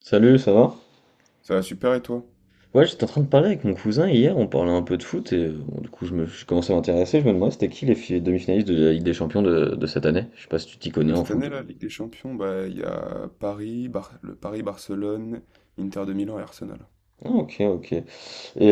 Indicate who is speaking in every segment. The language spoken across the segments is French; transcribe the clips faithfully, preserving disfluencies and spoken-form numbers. Speaker 1: Salut, ça va?
Speaker 2: Ça va super et toi?
Speaker 1: Ouais, j'étais en train de parler avec mon cousin hier, on parlait un peu de foot et euh, bon, du coup je me je commençais à m'intéresser, je me demandais c'était qui les fi- demi-finalistes de la Ligue des Champions de, de cette année? Je sais pas si tu t'y connais
Speaker 2: De
Speaker 1: en
Speaker 2: cette
Speaker 1: foot.
Speaker 2: année, la Ligue des Champions, bah il y a Paris, Bar- le Paris, Barcelone, Inter de Milan et Arsenal.
Speaker 1: Ah, ok, ok. Et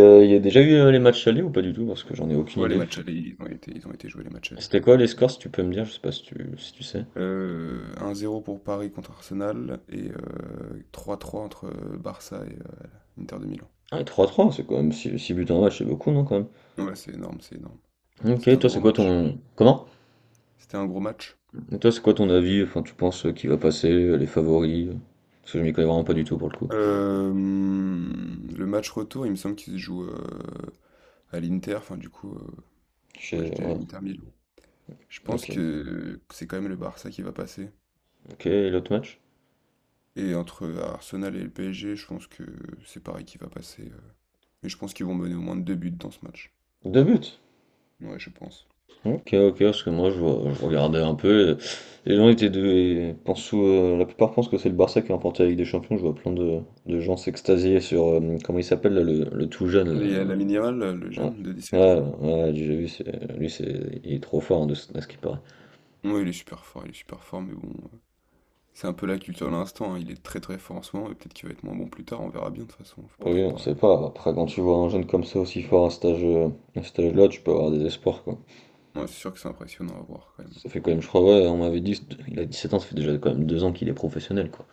Speaker 1: euh, il y a déjà eu euh, les matchs allés ou pas du tout? Parce que j'en ai aucune
Speaker 2: Ouais, les
Speaker 1: idée.
Speaker 2: matchs allés, ils ont été, ils ont été joués les matchs allés.
Speaker 1: C'était quoi les scores si tu peux me dire? Je sais pas si tu, si tu sais.
Speaker 2: Euh, un zéro pour Paris contre Arsenal et euh, trois trois entre euh, Barça et euh, Inter de Milan.
Speaker 1: Ah, et trois à trois c'est quand même six six buts en match, c'est beaucoup, non, quand
Speaker 2: Ouais, c'est énorme, c'est énorme.
Speaker 1: même?
Speaker 2: C'était
Speaker 1: Ok,
Speaker 2: un
Speaker 1: toi
Speaker 2: gros
Speaker 1: c'est quoi
Speaker 2: match.
Speaker 1: ton... Comment?
Speaker 2: C'était un gros match.
Speaker 1: Et toi c'est quoi ton avis? Enfin, tu penses euh, qui va passer, euh, les favoris? euh, Parce que je m'y connais vraiment pas du tout pour le coup.
Speaker 2: Euh, le match retour, il me semble qu'il se joue euh, à l'Inter, enfin du coup, euh,
Speaker 1: Je
Speaker 2: match
Speaker 1: sais-
Speaker 2: de
Speaker 1: Ouais,
Speaker 2: l'Inter Milan. Je pense
Speaker 1: ok.
Speaker 2: que c'est quand même le Barça qui va passer.
Speaker 1: Ok, et l'autre match?
Speaker 2: Et entre Arsenal et le P S G, je pense que c'est Paris qui va passer. euh, Mais je pense qu'ils vont mener au moins deux buts dans ce match.
Speaker 1: deux buts?
Speaker 2: Ouais, je pense.
Speaker 1: Ok, ok, parce que moi je, je regardais un peu. Et les gens étaient deux et pensent euh, la plupart pensent que c'est le Barça qui a remporté la Ligue des Champions. Je vois plein de, de gens s'extasier sur euh, comment il s'appelle là, le, le tout jeune.
Speaker 2: Les, la minimale, là, le
Speaker 1: Là.
Speaker 2: jeune de
Speaker 1: Ouais,
Speaker 2: dix-sept ans,
Speaker 1: ouais,
Speaker 2: là.
Speaker 1: ouais, j'ai vu, c'est- lui c'est, il est trop fort hein, de ce, à ce qu'il paraît.
Speaker 2: Ouais, il est super fort, il est super fort, mais bon, euh, c'est un peu la culture de l'instant, hein. Il est très très fort en ce moment, et peut-être qu'il va être moins bon plus tard, on verra bien de toute façon, faut pas
Speaker 1: Oui,
Speaker 2: trop
Speaker 1: on
Speaker 2: parler.
Speaker 1: sait pas. Après, quand tu vois un jeune comme ça aussi fort à cet âge, euh, à cet âge-là, tu peux avoir des espoirs quoi.
Speaker 2: Ouais, c'est sûr que c'est impressionnant à voir quand même.
Speaker 1: Ça fait quand même, je crois, ouais, on m'avait dit, il a dix sept ans, ça fait déjà quand même deux ans qu'il est professionnel quoi.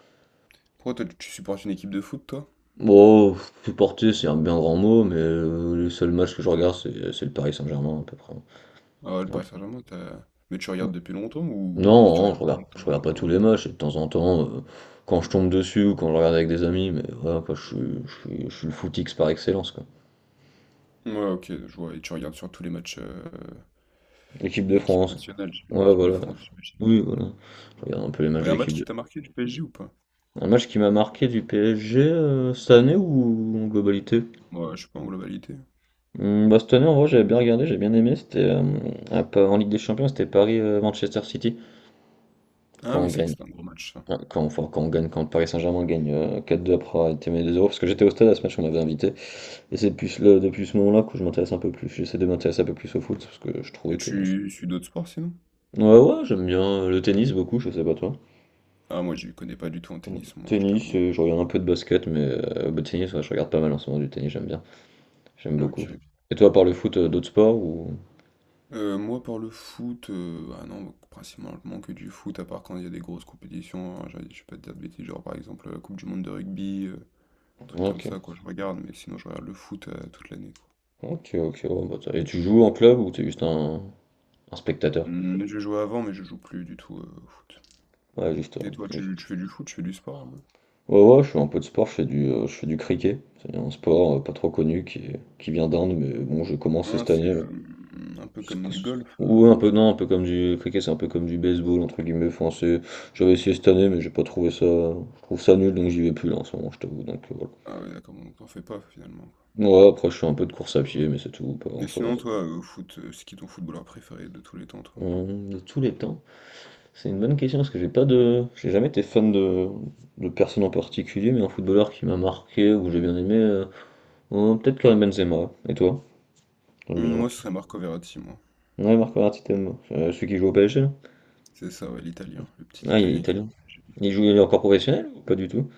Speaker 2: Pourquoi toi, tu tu supportes une équipe de foot, toi?
Speaker 1: Bon, supporter, c'est un bien grand mot, mais heu, les seuls matchs que je regarde, c'est c'est le Paris Saint-Germain à peu près.
Speaker 2: Ah ouais, le
Speaker 1: Ah
Speaker 2: Paris Saint-Germain, t'as- mais tu
Speaker 1: bon?
Speaker 2: regardes depuis longtemps ou
Speaker 1: Non,
Speaker 2: juste tu
Speaker 1: non, je
Speaker 2: regardes
Speaker 1: regarde
Speaker 2: depuis
Speaker 1: je regarde pas tous
Speaker 2: longtemps?
Speaker 1: les matchs et de temps en temps, heu, quand je tombe dessus ou quand je regarde avec des amis, mais voilà quoi, je suis je suis je suis le footix par excellence quoi.
Speaker 2: Ouais, ok, je vois. Et tu regardes sur tous les matchs euh,
Speaker 1: L'équipe de
Speaker 2: L'équipe
Speaker 1: France.
Speaker 2: nationale, j'ai-
Speaker 1: Ouais
Speaker 2: l'équipe de
Speaker 1: voilà.
Speaker 2: France, j'imagine.
Speaker 1: Oui voilà. Je regarde un peu les matchs
Speaker 2: Il y
Speaker 1: de
Speaker 2: a un
Speaker 1: l'équipe
Speaker 2: match
Speaker 1: de
Speaker 2: qui t'a marqué du P S G ou pas?
Speaker 1: un match qui m'a marqué du P S G, heu, cette année ou en globalité?
Speaker 2: Moi, je sais pas en globalité.
Speaker 1: Mmh, bah, cette année en vrai j'avais bien regardé, j'ai bien aimé, c'était, hem, à pa en Ligue des Champions, c'était Paris, euh, Manchester City. Quand
Speaker 2: Ah
Speaker 1: on
Speaker 2: oui, c'est vrai que
Speaker 1: gagne,
Speaker 2: c'était un gros match, ça.
Speaker 1: ouais, quand, enfin, quand on gagne, quand le Paris Saint-Germain gagne euh, quatre deux après avoir été mené deux zéro parce que j'étais au stade à ce match, on m'avait invité, et c'est depuis, ce- le- depuis ce moment-là que je m'intéresse un peu plus, j'essaie de m'intéresser un peu plus au foot, parce que je trouvais
Speaker 2: Mais
Speaker 1: que...
Speaker 2: tu suis d'autres sports sinon?
Speaker 1: Ouais, ouais, j'aime bien euh, le tennis beaucoup, je sais pas toi.
Speaker 2: Ah, moi, je connais pas du tout en
Speaker 1: Mm.
Speaker 2: tennis, moi, je
Speaker 1: Tennis,
Speaker 2: t'avoue.
Speaker 1: euh, je regarde un peu de basket, mais euh, le tennis, ouais, je regarde pas mal en ce moment du tennis, j'aime bien, j'aime beaucoup.
Speaker 2: Ok.
Speaker 1: Et toi, par le foot, euh, d'autres sports ou...
Speaker 2: Euh, moi, pour le foot, euh, ah non, principalement que du foot, à part quand il y a des grosses compétitions, hein, j'ai- je vais pas te dire de bêtises, genre par exemple la Coupe du Monde de rugby, euh, trucs comme
Speaker 1: Ok,
Speaker 2: ça, quoi, je regarde, mais sinon, je regarde le foot euh, toute l'année, quoi.
Speaker 1: ok, ok, ouais, bah, t'as- et tu joues en club ou t'es juste un, un spectateur?
Speaker 2: Hmm, je jouais avant, mais je joue plus du tout euh, au foot.
Speaker 1: Ouais, juste,
Speaker 2: Et toi,
Speaker 1: euh,
Speaker 2: tu, tu fais du foot, tu fais du sport?
Speaker 1: Ouais, ouais, je fais un peu de sport, je fais du, euh, je fais du cricket. C'est un sport euh, pas trop connu qui, est- qui vient d'Inde, mais bon, je commence
Speaker 2: Ah,
Speaker 1: cette année.
Speaker 2: c'est
Speaker 1: euh,
Speaker 2: euh, un peu
Speaker 1: parce
Speaker 2: comme
Speaker 1: que-
Speaker 2: du golf.
Speaker 1: Ouais,
Speaker 2: euh.
Speaker 1: un peu, non, un peu comme du cricket, c'est un peu comme du baseball, entre guillemets. Enfin, c'est- j'avais essayé cette année, mais j'ai pas trouvé ça. Je trouve ça nul, donc j'y vais plus là en ce moment, je t'avoue. Donc euh, voilà.
Speaker 2: Ah ouais, d'accord, donc t'en fais pas finalement, quoi.
Speaker 1: Ouais, après, je fais un peu de course à pied, mais c'est tout, pas
Speaker 2: Mais
Speaker 1: grand-chose.
Speaker 2: sinon, toi, au foot, euh, c'est qui ton footballeur préféré de tous les temps, toi?
Speaker 1: Hum, De tous les temps, c'est une bonne question parce que j'ai pas de, j'ai jamais été fan de, de personne en particulier, mais un footballeur qui m'a marqué ou que j'ai bien aimé, euh, euh, peut-être Karim Benzema. Et toi? J'aime
Speaker 2: Hum,
Speaker 1: bien Marc.
Speaker 2: moi, ce serait Marco Verratti, moi.
Speaker 1: Ouais, Marco Verratti, t'aimes. Euh, celui qui joue au P S G, là?
Speaker 2: C'est ça, ouais, l'Italien, le petit
Speaker 1: Ah, il est
Speaker 2: Italien qui joue au
Speaker 1: italien.
Speaker 2: P S G.
Speaker 1: Il joue, il est encore professionnel ou pas du tout?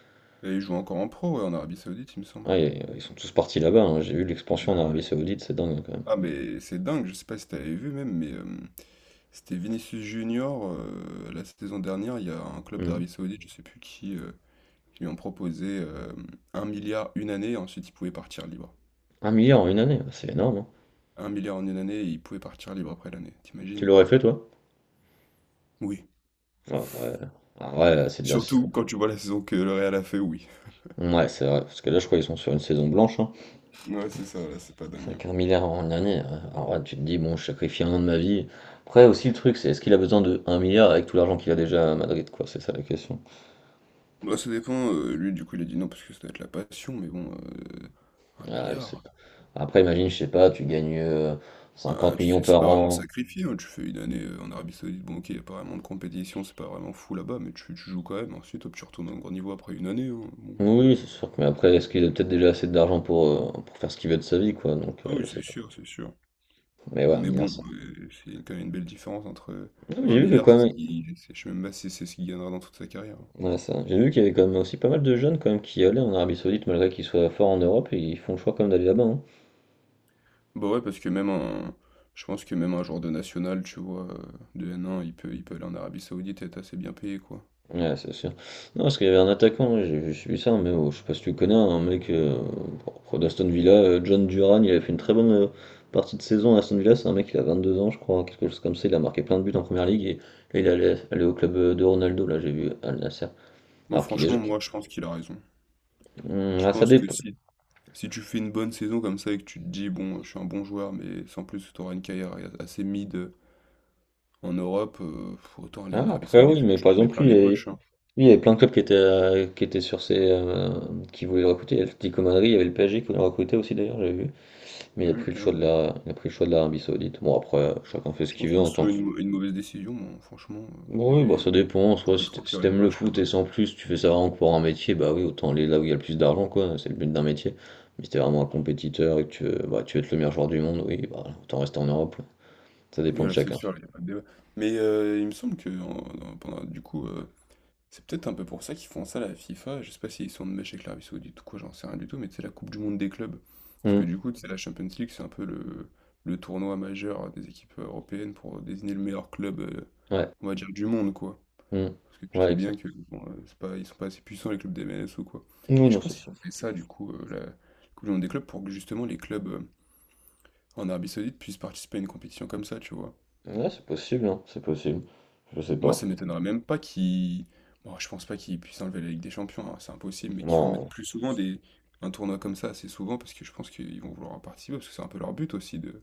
Speaker 2: Et il joue encore en pro, ouais, en Arabie Saoudite, il me semble.
Speaker 1: Ah, il- ils sont tous partis là-bas. Hein. J'ai vu l'expansion en
Speaker 2: Ah,
Speaker 1: Arabie
Speaker 2: ouais.
Speaker 1: Saoudite, c'est dingue hein, quand
Speaker 2: Ah, mais c'est dingue, je sais pas si t'avais vu même, mais euh, c'était Vinicius Junior euh, la saison dernière, il y a un club
Speaker 1: même. Hmm.
Speaker 2: d'Arabie Saoudite, je sais plus qui, euh, qui lui ont proposé euh, un milliard une année, ensuite il pouvait partir libre.
Speaker 1: Un milliard en une année, c'est énorme. Hein.
Speaker 2: Un milliard en une année, il pouvait partir libre après l'année,
Speaker 1: Tu
Speaker 2: t'imagines?
Speaker 1: l'aurais fait, toi?
Speaker 2: Oui.
Speaker 1: Ah, ouais. Ah, ouais, c'est déjà c'est-
Speaker 2: Surtout quand tu vois la saison que le Real a fait, oui.
Speaker 1: Ouais, c'est vrai. Parce que là, je crois qu'ils sont sur une saison blanche. Hein.
Speaker 2: Ouais, c'est ça, là, c'est pas dingue, hein.
Speaker 1: Avec un en une année. euh, Alors là, tu te dis, bon, je sacrifie un an de ma vie. Après, aussi, le truc, c'est est-ce qu'il a besoin de un milliard avec tout l'argent qu'il a déjà à Madrid, quoi? C'est ça la question.
Speaker 2: Bah, ça dépend. euh, lui, du coup, il a dit non parce que ça doit être la passion, mais bon, euh, un
Speaker 1: Ah, je sais
Speaker 2: milliard.
Speaker 1: pas. Après, imagine, je sais pas, tu gagnes euh,
Speaker 2: Ah,
Speaker 1: cinquante
Speaker 2: tu
Speaker 1: millions
Speaker 2: sais, c'est
Speaker 1: par
Speaker 2: pas vraiment
Speaker 1: an.
Speaker 2: sacrifié, hein. Tu fais une année euh, en Arabie Saoudite, bon, ok, y a pas vraiment de compétition, c'est pas vraiment fou là-bas, mais tu, tu joues quand même. Ensuite, hop, tu retournes au grand niveau après une année, hein, bon.
Speaker 1: Oui, c'est sûr que, mais après, est-ce qu'il a peut-être déjà assez d'argent pour, euh, pour faire ce qu'il veut de sa vie, quoi, donc euh,
Speaker 2: Ah
Speaker 1: je
Speaker 2: oui,
Speaker 1: sais
Speaker 2: c'est
Speaker 1: pas.
Speaker 2: sûr, c'est sûr.
Speaker 1: Mais ouais, un
Speaker 2: Mais
Speaker 1: milliard,
Speaker 2: bon,
Speaker 1: ça.
Speaker 2: euh, c'est quand même une belle différence entre. euh,
Speaker 1: Non, mais
Speaker 2: bah, un
Speaker 1: j'ai vu que
Speaker 2: milliard,
Speaker 1: quand
Speaker 2: c'est ce
Speaker 1: même,
Speaker 2: qui. c'est- Je sais même pas si c'est ce qu'il gagnera dans toute sa carrière, hein.
Speaker 1: ouais, ça. J'ai vu qu'il y avait quand même aussi pas mal de jeunes quand même qui allaient en Arabie Saoudite, malgré qu'ils soient forts en Europe, et ils font le choix quand même d'aller là-bas. Hein.
Speaker 2: Bah, ouais, parce que même un je pense que même un joueur de national, tu vois, heu, de N un, il peut il peut aller en Arabie Saoudite et être assez bien payé, quoi.
Speaker 1: Ouais, c'est sûr. Non, parce qu'il y avait un attaquant, ouais, j'ai j'ai suivi ça, mais oh, je sais pas si tu connais hein, un mec euh, bon, d'Aston Villa, euh, John Duran, il a fait une très bonne euh, partie de saison à Aston Villa, c'est un mec qui a vingt-deux ans, je crois, quelque chose comme ça, il a marqué plein de buts en première ligue, et là, il allait, allait au club euh, de Ronaldo, là, j'ai vu Al Nasser.
Speaker 2: Bon,
Speaker 1: Alors qu'il est
Speaker 2: franchement,
Speaker 1: jeune.
Speaker 2: moi, je pense qu'il a raison.
Speaker 1: Hum,
Speaker 2: Je
Speaker 1: ah, ça
Speaker 2: pense que
Speaker 1: dépend.
Speaker 2: si si tu fais une bonne saison comme ça et que tu te dis: «Bon, je suis un bon joueur, mais sans plus, tu auras une carrière assez mid, en Europe, heu, autant aller
Speaker 1: Ah,
Speaker 2: en Arabie
Speaker 1: après, oui,
Speaker 2: Saoudite où
Speaker 1: mais
Speaker 2: tu
Speaker 1: par
Speaker 2: te mets
Speaker 1: exemple,
Speaker 2: plein
Speaker 1: lui, il y
Speaker 2: les
Speaker 1: avait, lui,
Speaker 2: poches», hein.
Speaker 1: il y avait plein de clubs qui étaient, euh, qui étaient sur ses. Euh, qui voulaient le recruter, il y avait le Atlético Madrid, il y avait le P S G qui voulait le recruter aussi, d'ailleurs, j'ai vu. Mais il a
Speaker 2: Ouais,
Speaker 1: pris le
Speaker 2: quand
Speaker 1: choix de
Speaker 2: même.
Speaker 1: la, il a pris le choix de l'Arabie Saoudite. Bon, après, euh, chacun fait ce
Speaker 2: Je
Speaker 1: qu'il
Speaker 2: pense
Speaker 1: veut
Speaker 2: pas que
Speaker 1: en
Speaker 2: ce
Speaker 1: tant
Speaker 2: soit
Speaker 1: que.
Speaker 2: une mau une mauvaise décision, moi, franchement, heu,
Speaker 1: Bon,
Speaker 2: vu
Speaker 1: oui, bah, ça
Speaker 2: les
Speaker 1: dépend.
Speaker 2: comment tu
Speaker 1: Soit
Speaker 2: peux
Speaker 1: si
Speaker 2: te
Speaker 1: t'- Si
Speaker 2: remplir les
Speaker 1: t'aimes le
Speaker 2: poches
Speaker 1: foot
Speaker 2: là-bas.
Speaker 1: et sans plus, tu fais ça vraiment que pour un métier, bah oui, autant aller là où il y a le plus d'argent, quoi. C'est le but d'un métier. Mais si t'es vraiment un compétiteur et que tu veux, bah, tu veux être le meilleur joueur du monde, oui, bah, autant rester en Europe. Ça
Speaker 2: Oui,
Speaker 1: dépend de
Speaker 2: là, c'est
Speaker 1: chacun.
Speaker 2: sûr, il y a pas de débat. Mais heu, il me semble que en en- pendant du coup, euh, C'est peut-être un peu pour ça qu'ils font ça, la FIFA. Je sais pas s'ils sont de mèche avec l'Arabie Saoudite ou quoi, j'en sais rien du tout, mais c'est la Coupe du Monde des clubs. Parce
Speaker 1: Hmm,
Speaker 2: que du coup, c'est la Champions League, c'est un peu le, le tournoi majeur des équipes européennes pour désigner le meilleur club, euh,
Speaker 1: ouais.
Speaker 2: on va dire, du monde, quoi.
Speaker 1: Hmm,
Speaker 2: Parce que tu
Speaker 1: ouais,
Speaker 2: sais bien
Speaker 1: exact.
Speaker 2: que bon, euh, c'est pas, ils sont pas assez puissants, les clubs des M L S ou quoi.
Speaker 1: Oui,
Speaker 2: Mais je
Speaker 1: non,
Speaker 2: pense
Speaker 1: c'est
Speaker 2: qu'ils
Speaker 1: ça.
Speaker 2: ont fait ça, du coup, euh, la Coupe du Monde des clubs, pour que justement les clubs euh, en Arabie Saoudite puissent participer à une compétition comme ça, tu vois.
Speaker 1: Ouais, c'est possible, hein, c'est possible. Je sais
Speaker 2: Moi, ça
Speaker 1: pas.
Speaker 2: m'étonnerait même pas qu'ils. Bon, je pense pas qu'ils puissent enlever la Ligue des Champions, hein, c'est impossible, mais qu'ils en mettent
Speaker 1: Non,
Speaker 2: plus souvent des... un tournoi comme ça assez souvent parce que je pense qu'ils vont vouloir en participer parce que c'est un peu leur but aussi de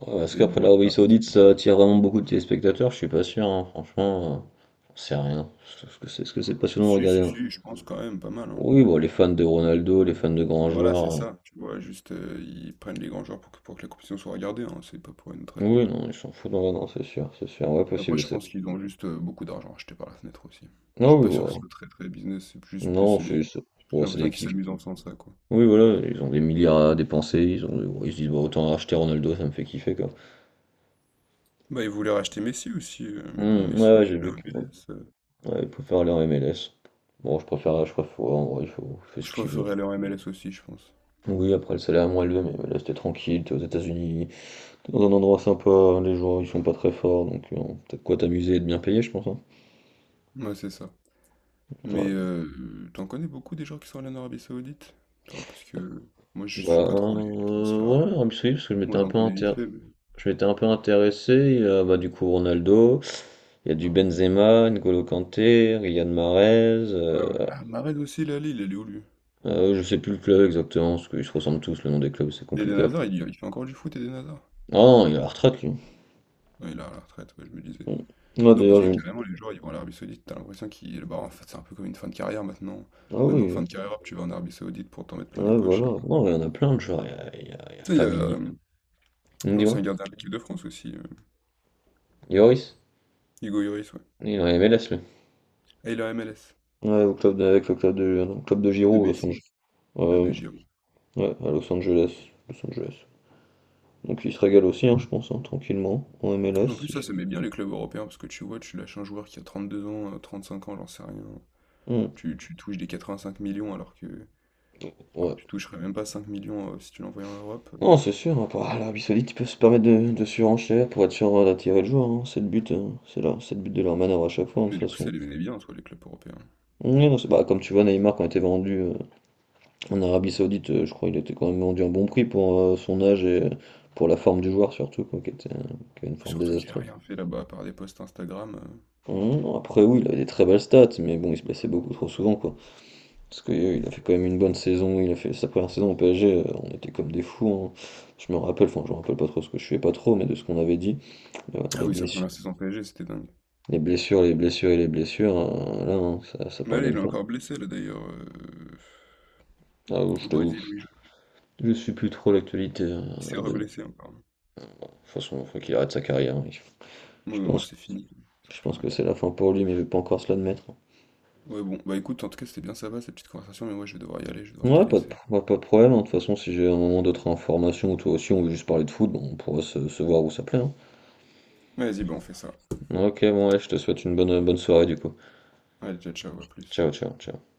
Speaker 1: ouais, est-ce
Speaker 2: d'être
Speaker 1: qu'après
Speaker 2: bon à
Speaker 1: l'Arabie Saoudite ça
Speaker 2: l'international.
Speaker 1: attire vraiment beaucoup de téléspectateurs? Je suis pas sûr, hein, franchement, euh, j'en sais rien. Est-ce que c'est ce que c'est passionnant de
Speaker 2: Si,
Speaker 1: regarder?
Speaker 2: si,
Speaker 1: Hein.
Speaker 2: si, je pense quand même pas mal, hein.
Speaker 1: Oui, bon, les fans de Ronaldo, les fans de grands
Speaker 2: Voilà, c'est
Speaker 1: joueurs. euh,
Speaker 2: ça. Tu vois, juste euh, ils prennent les grands joueurs pour que, pour que la compétition soit regardée, hein, c'est pas pour une autre raison.
Speaker 1: Oui, non, ils s'en foutent, non, non, c'est sûr, c'est sûr, ouais, possible,
Speaker 2: Après,
Speaker 1: je
Speaker 2: je
Speaker 1: sais.
Speaker 2: pense qu'ils ont juste euh, beaucoup d'argent acheté par la fenêtre aussi. Je
Speaker 1: Non,
Speaker 2: suis
Speaker 1: oui,
Speaker 2: pas sûr que ce
Speaker 1: bon,
Speaker 2: soit très très business, c'est plus
Speaker 1: non,
Speaker 2: plus euh,
Speaker 1: c'est c'est-
Speaker 2: j'ai plus
Speaker 1: bon, c'est des
Speaker 2: l'impression qu'ils
Speaker 1: kiffs.
Speaker 2: s'amusent en faisant ça, quoi.
Speaker 1: Oui, voilà, ils ont des milliards à dépenser, ils ont, ils se disent, bon, autant acheter Ronaldo, ça me fait kiffer, quoi.
Speaker 2: Bah, ils voulaient racheter Messi aussi, heu, mais bon,
Speaker 1: Hmm,
Speaker 2: Messi,
Speaker 1: ouais, ouais,
Speaker 2: il est
Speaker 1: j'ai
Speaker 2: allé
Speaker 1: vu
Speaker 2: en
Speaker 1: que, bon,
Speaker 2: M L S, heu,
Speaker 1: ouais, ils préfèrent aller en M L S. Bon, je préfère, je préfère, ouais, en vrai, il faut, il fait ce
Speaker 2: je
Speaker 1: qu'il veut.
Speaker 2: préférerais aller en M L S aussi, je pense.
Speaker 1: Oui, après le salaire est moins élevé, mais là c'était tranquille, t'es aux États-Unis, t'es dans un endroit sympa, les joueurs ils sont pas très forts, donc euh, t'as de quoi t'amuser et de bien payer, je pense. Hein.
Speaker 2: Ouais, c'est ça. Mais
Speaker 1: Ouais.
Speaker 2: heu, tu en connais beaucoup des gens qui sont allés en Arabie Saoudite, toi? Parce que moi, je
Speaker 1: Bah
Speaker 2: suis pas trop les les
Speaker 1: euh,
Speaker 2: transferts, heu,
Speaker 1: ouais, Arabie Saoudite, parce que je m'étais
Speaker 2: moi,
Speaker 1: un
Speaker 2: j'en
Speaker 1: peu
Speaker 2: connais vite
Speaker 1: inter...
Speaker 2: fait, mais
Speaker 1: je m'étais un peu intéressé, il y a, bah, du coup Ronaldo, il y a du Benzema, N'Golo Kanté, Riyad Mahrez,
Speaker 2: ouais, ouais.
Speaker 1: euh,
Speaker 2: Ah, Mahrez aussi, là, il est allé où, lui?
Speaker 1: euh, je sais plus le club exactement, parce qu'ils se ressemblent tous, le nom des clubs c'est
Speaker 2: Eden
Speaker 1: compliqué après.
Speaker 2: Hazard, il y il fait encore du foot, Eden Hazard?
Speaker 1: Ah non, il est à la retraite lui.
Speaker 2: non il est à la retraite, ouais, je me disais.
Speaker 1: Mm. Ah
Speaker 2: Non, parce
Speaker 1: d'ailleurs
Speaker 2: que
Speaker 1: j'ai une...
Speaker 2: carrément, les joueurs, ils vont en Arabie Saoudite, t'as l'impression qu'ils bah, en fait, c'est un peu comme une fin de carrière maintenant.
Speaker 1: Ah
Speaker 2: Maintenant, fin
Speaker 1: oui,
Speaker 2: de carrière, hop, tu vas en Arabie Saoudite pour t'en mettre plein les
Speaker 1: ouais,
Speaker 2: poches
Speaker 1: voilà.
Speaker 2: et voilà.
Speaker 1: Non, il y en a plein de joueurs. Il y a, il y a- il y a
Speaker 2: Tu sais, il y
Speaker 1: Fabinho,
Speaker 2: a, hem,
Speaker 1: Mmh,
Speaker 2: L'ancien
Speaker 1: dis-moi.
Speaker 2: gardien de l'équipe de France aussi, euh,
Speaker 1: Yoris?
Speaker 2: Hugo Lloris, ouais.
Speaker 1: Il est en M L S, lui.
Speaker 2: Ah il est en M L S.
Speaker 1: Ouais, au club de, avec le club de, non, club de
Speaker 2: De
Speaker 1: Giro, Los
Speaker 2: Messi.
Speaker 1: Angeles.
Speaker 2: Ah, de
Speaker 1: Euh,
Speaker 2: Giroud.
Speaker 1: ouais, à Los Angeles. Los Angeles. Donc il se régale aussi, hein, je pense, hein, tranquillement, en
Speaker 2: Mais En plus,
Speaker 1: M L S. il
Speaker 2: ça,
Speaker 1: fait-
Speaker 2: ça met bien les clubs européens, parce que tu vois, tu lâches un joueur qui a trente-deux ans, euh, trente-cinq ans, j'en sais rien.
Speaker 1: Hmm,
Speaker 2: Tu, tu touches des quatre-vingt-cinq millions, alors que, alors
Speaker 1: ouais.
Speaker 2: que tu toucherais même pas cinq millions euh, si tu l'envoyais en Europe.
Speaker 1: Non, c'est sûr, hein, par- l'Arabie Saoudite, ils peuvent se permettre de, de surenchère pour être sûr euh, d'attirer le joueur. Hein, c'est le but, hein, c'est là, c'est le but de leur manœuvre à chaque fois, hein, de toute
Speaker 2: Mais du coup,
Speaker 1: façon.
Speaker 2: ça les met bien, soit les clubs européens.
Speaker 1: Ouais, non, c'est- bah, comme tu vois, Neymar, quand il était vendu euh, en Arabie Saoudite, euh, je crois qu'il était quand même vendu à un bon prix pour euh, son âge et euh, pour la forme du joueur, surtout, quoi, qui était, euh, qui a une forme
Speaker 2: Surtout qu'il a
Speaker 1: désastreuse.
Speaker 2: rien fait là-bas, à part des posts Instagram. euh.
Speaker 1: Mmh, après oui, il avait des très belles stats, mais bon, il se blessait beaucoup trop souvent, quoi. Parce que euh, il a fait quand même une bonne saison, il a fait sa première saison au P S G, euh, on était comme des fous, hein. Je me rappelle, enfin je me rappelle pas trop ce que je fais pas trop, mais de ce qu'on avait dit, euh,
Speaker 2: Ah
Speaker 1: les
Speaker 2: oui, sa
Speaker 1: blessures,
Speaker 2: première saison P S G, c'était dingue.
Speaker 1: les blessures, les blessures et les blessures, euh, là, hein, ça, ça
Speaker 2: Mais là, il
Speaker 1: pardonne
Speaker 2: est
Speaker 1: pas.
Speaker 2: encore blessé, là, d'ailleurs, euh,
Speaker 1: Ah oui, je
Speaker 2: au
Speaker 1: t'avoue,
Speaker 2: Brésil, oui, il joue.
Speaker 1: je suis plus trop l'actualité euh,
Speaker 2: Il s'est
Speaker 1: de De
Speaker 2: reblessé encore.
Speaker 1: toute façon, il faut qu'il arrête sa carrière. Hein.
Speaker 2: Ouais,
Speaker 1: Je
Speaker 2: ouais,
Speaker 1: pense,
Speaker 2: c'est fini. Ça sert
Speaker 1: je
Speaker 2: plus
Speaker 1: pense
Speaker 2: à rien.
Speaker 1: que c'est la fin pour lui, mais il veut pas encore se l'admettre.
Speaker 2: Ouais, bon, bah écoute, en tout cas, c'était bien sympa cette petite conversation, mais moi je vais devoir y aller, je vais devoir te
Speaker 1: Ouais, pas de,
Speaker 2: laisser.
Speaker 1: pro- pas de problème, hein. De toute façon, si j'ai un moment d'autres informations, ou toi aussi, on veut juste parler de foot, bon, on pourra se, se voir ou s'appeler. Hein.
Speaker 2: Vas-y, bah on fait ça.
Speaker 1: Ok, bon, ouais, je te souhaite une bonne, bonne soirée du coup.
Speaker 2: Allez, ciao, ciao, à plus.
Speaker 1: Ciao, ciao, ciao.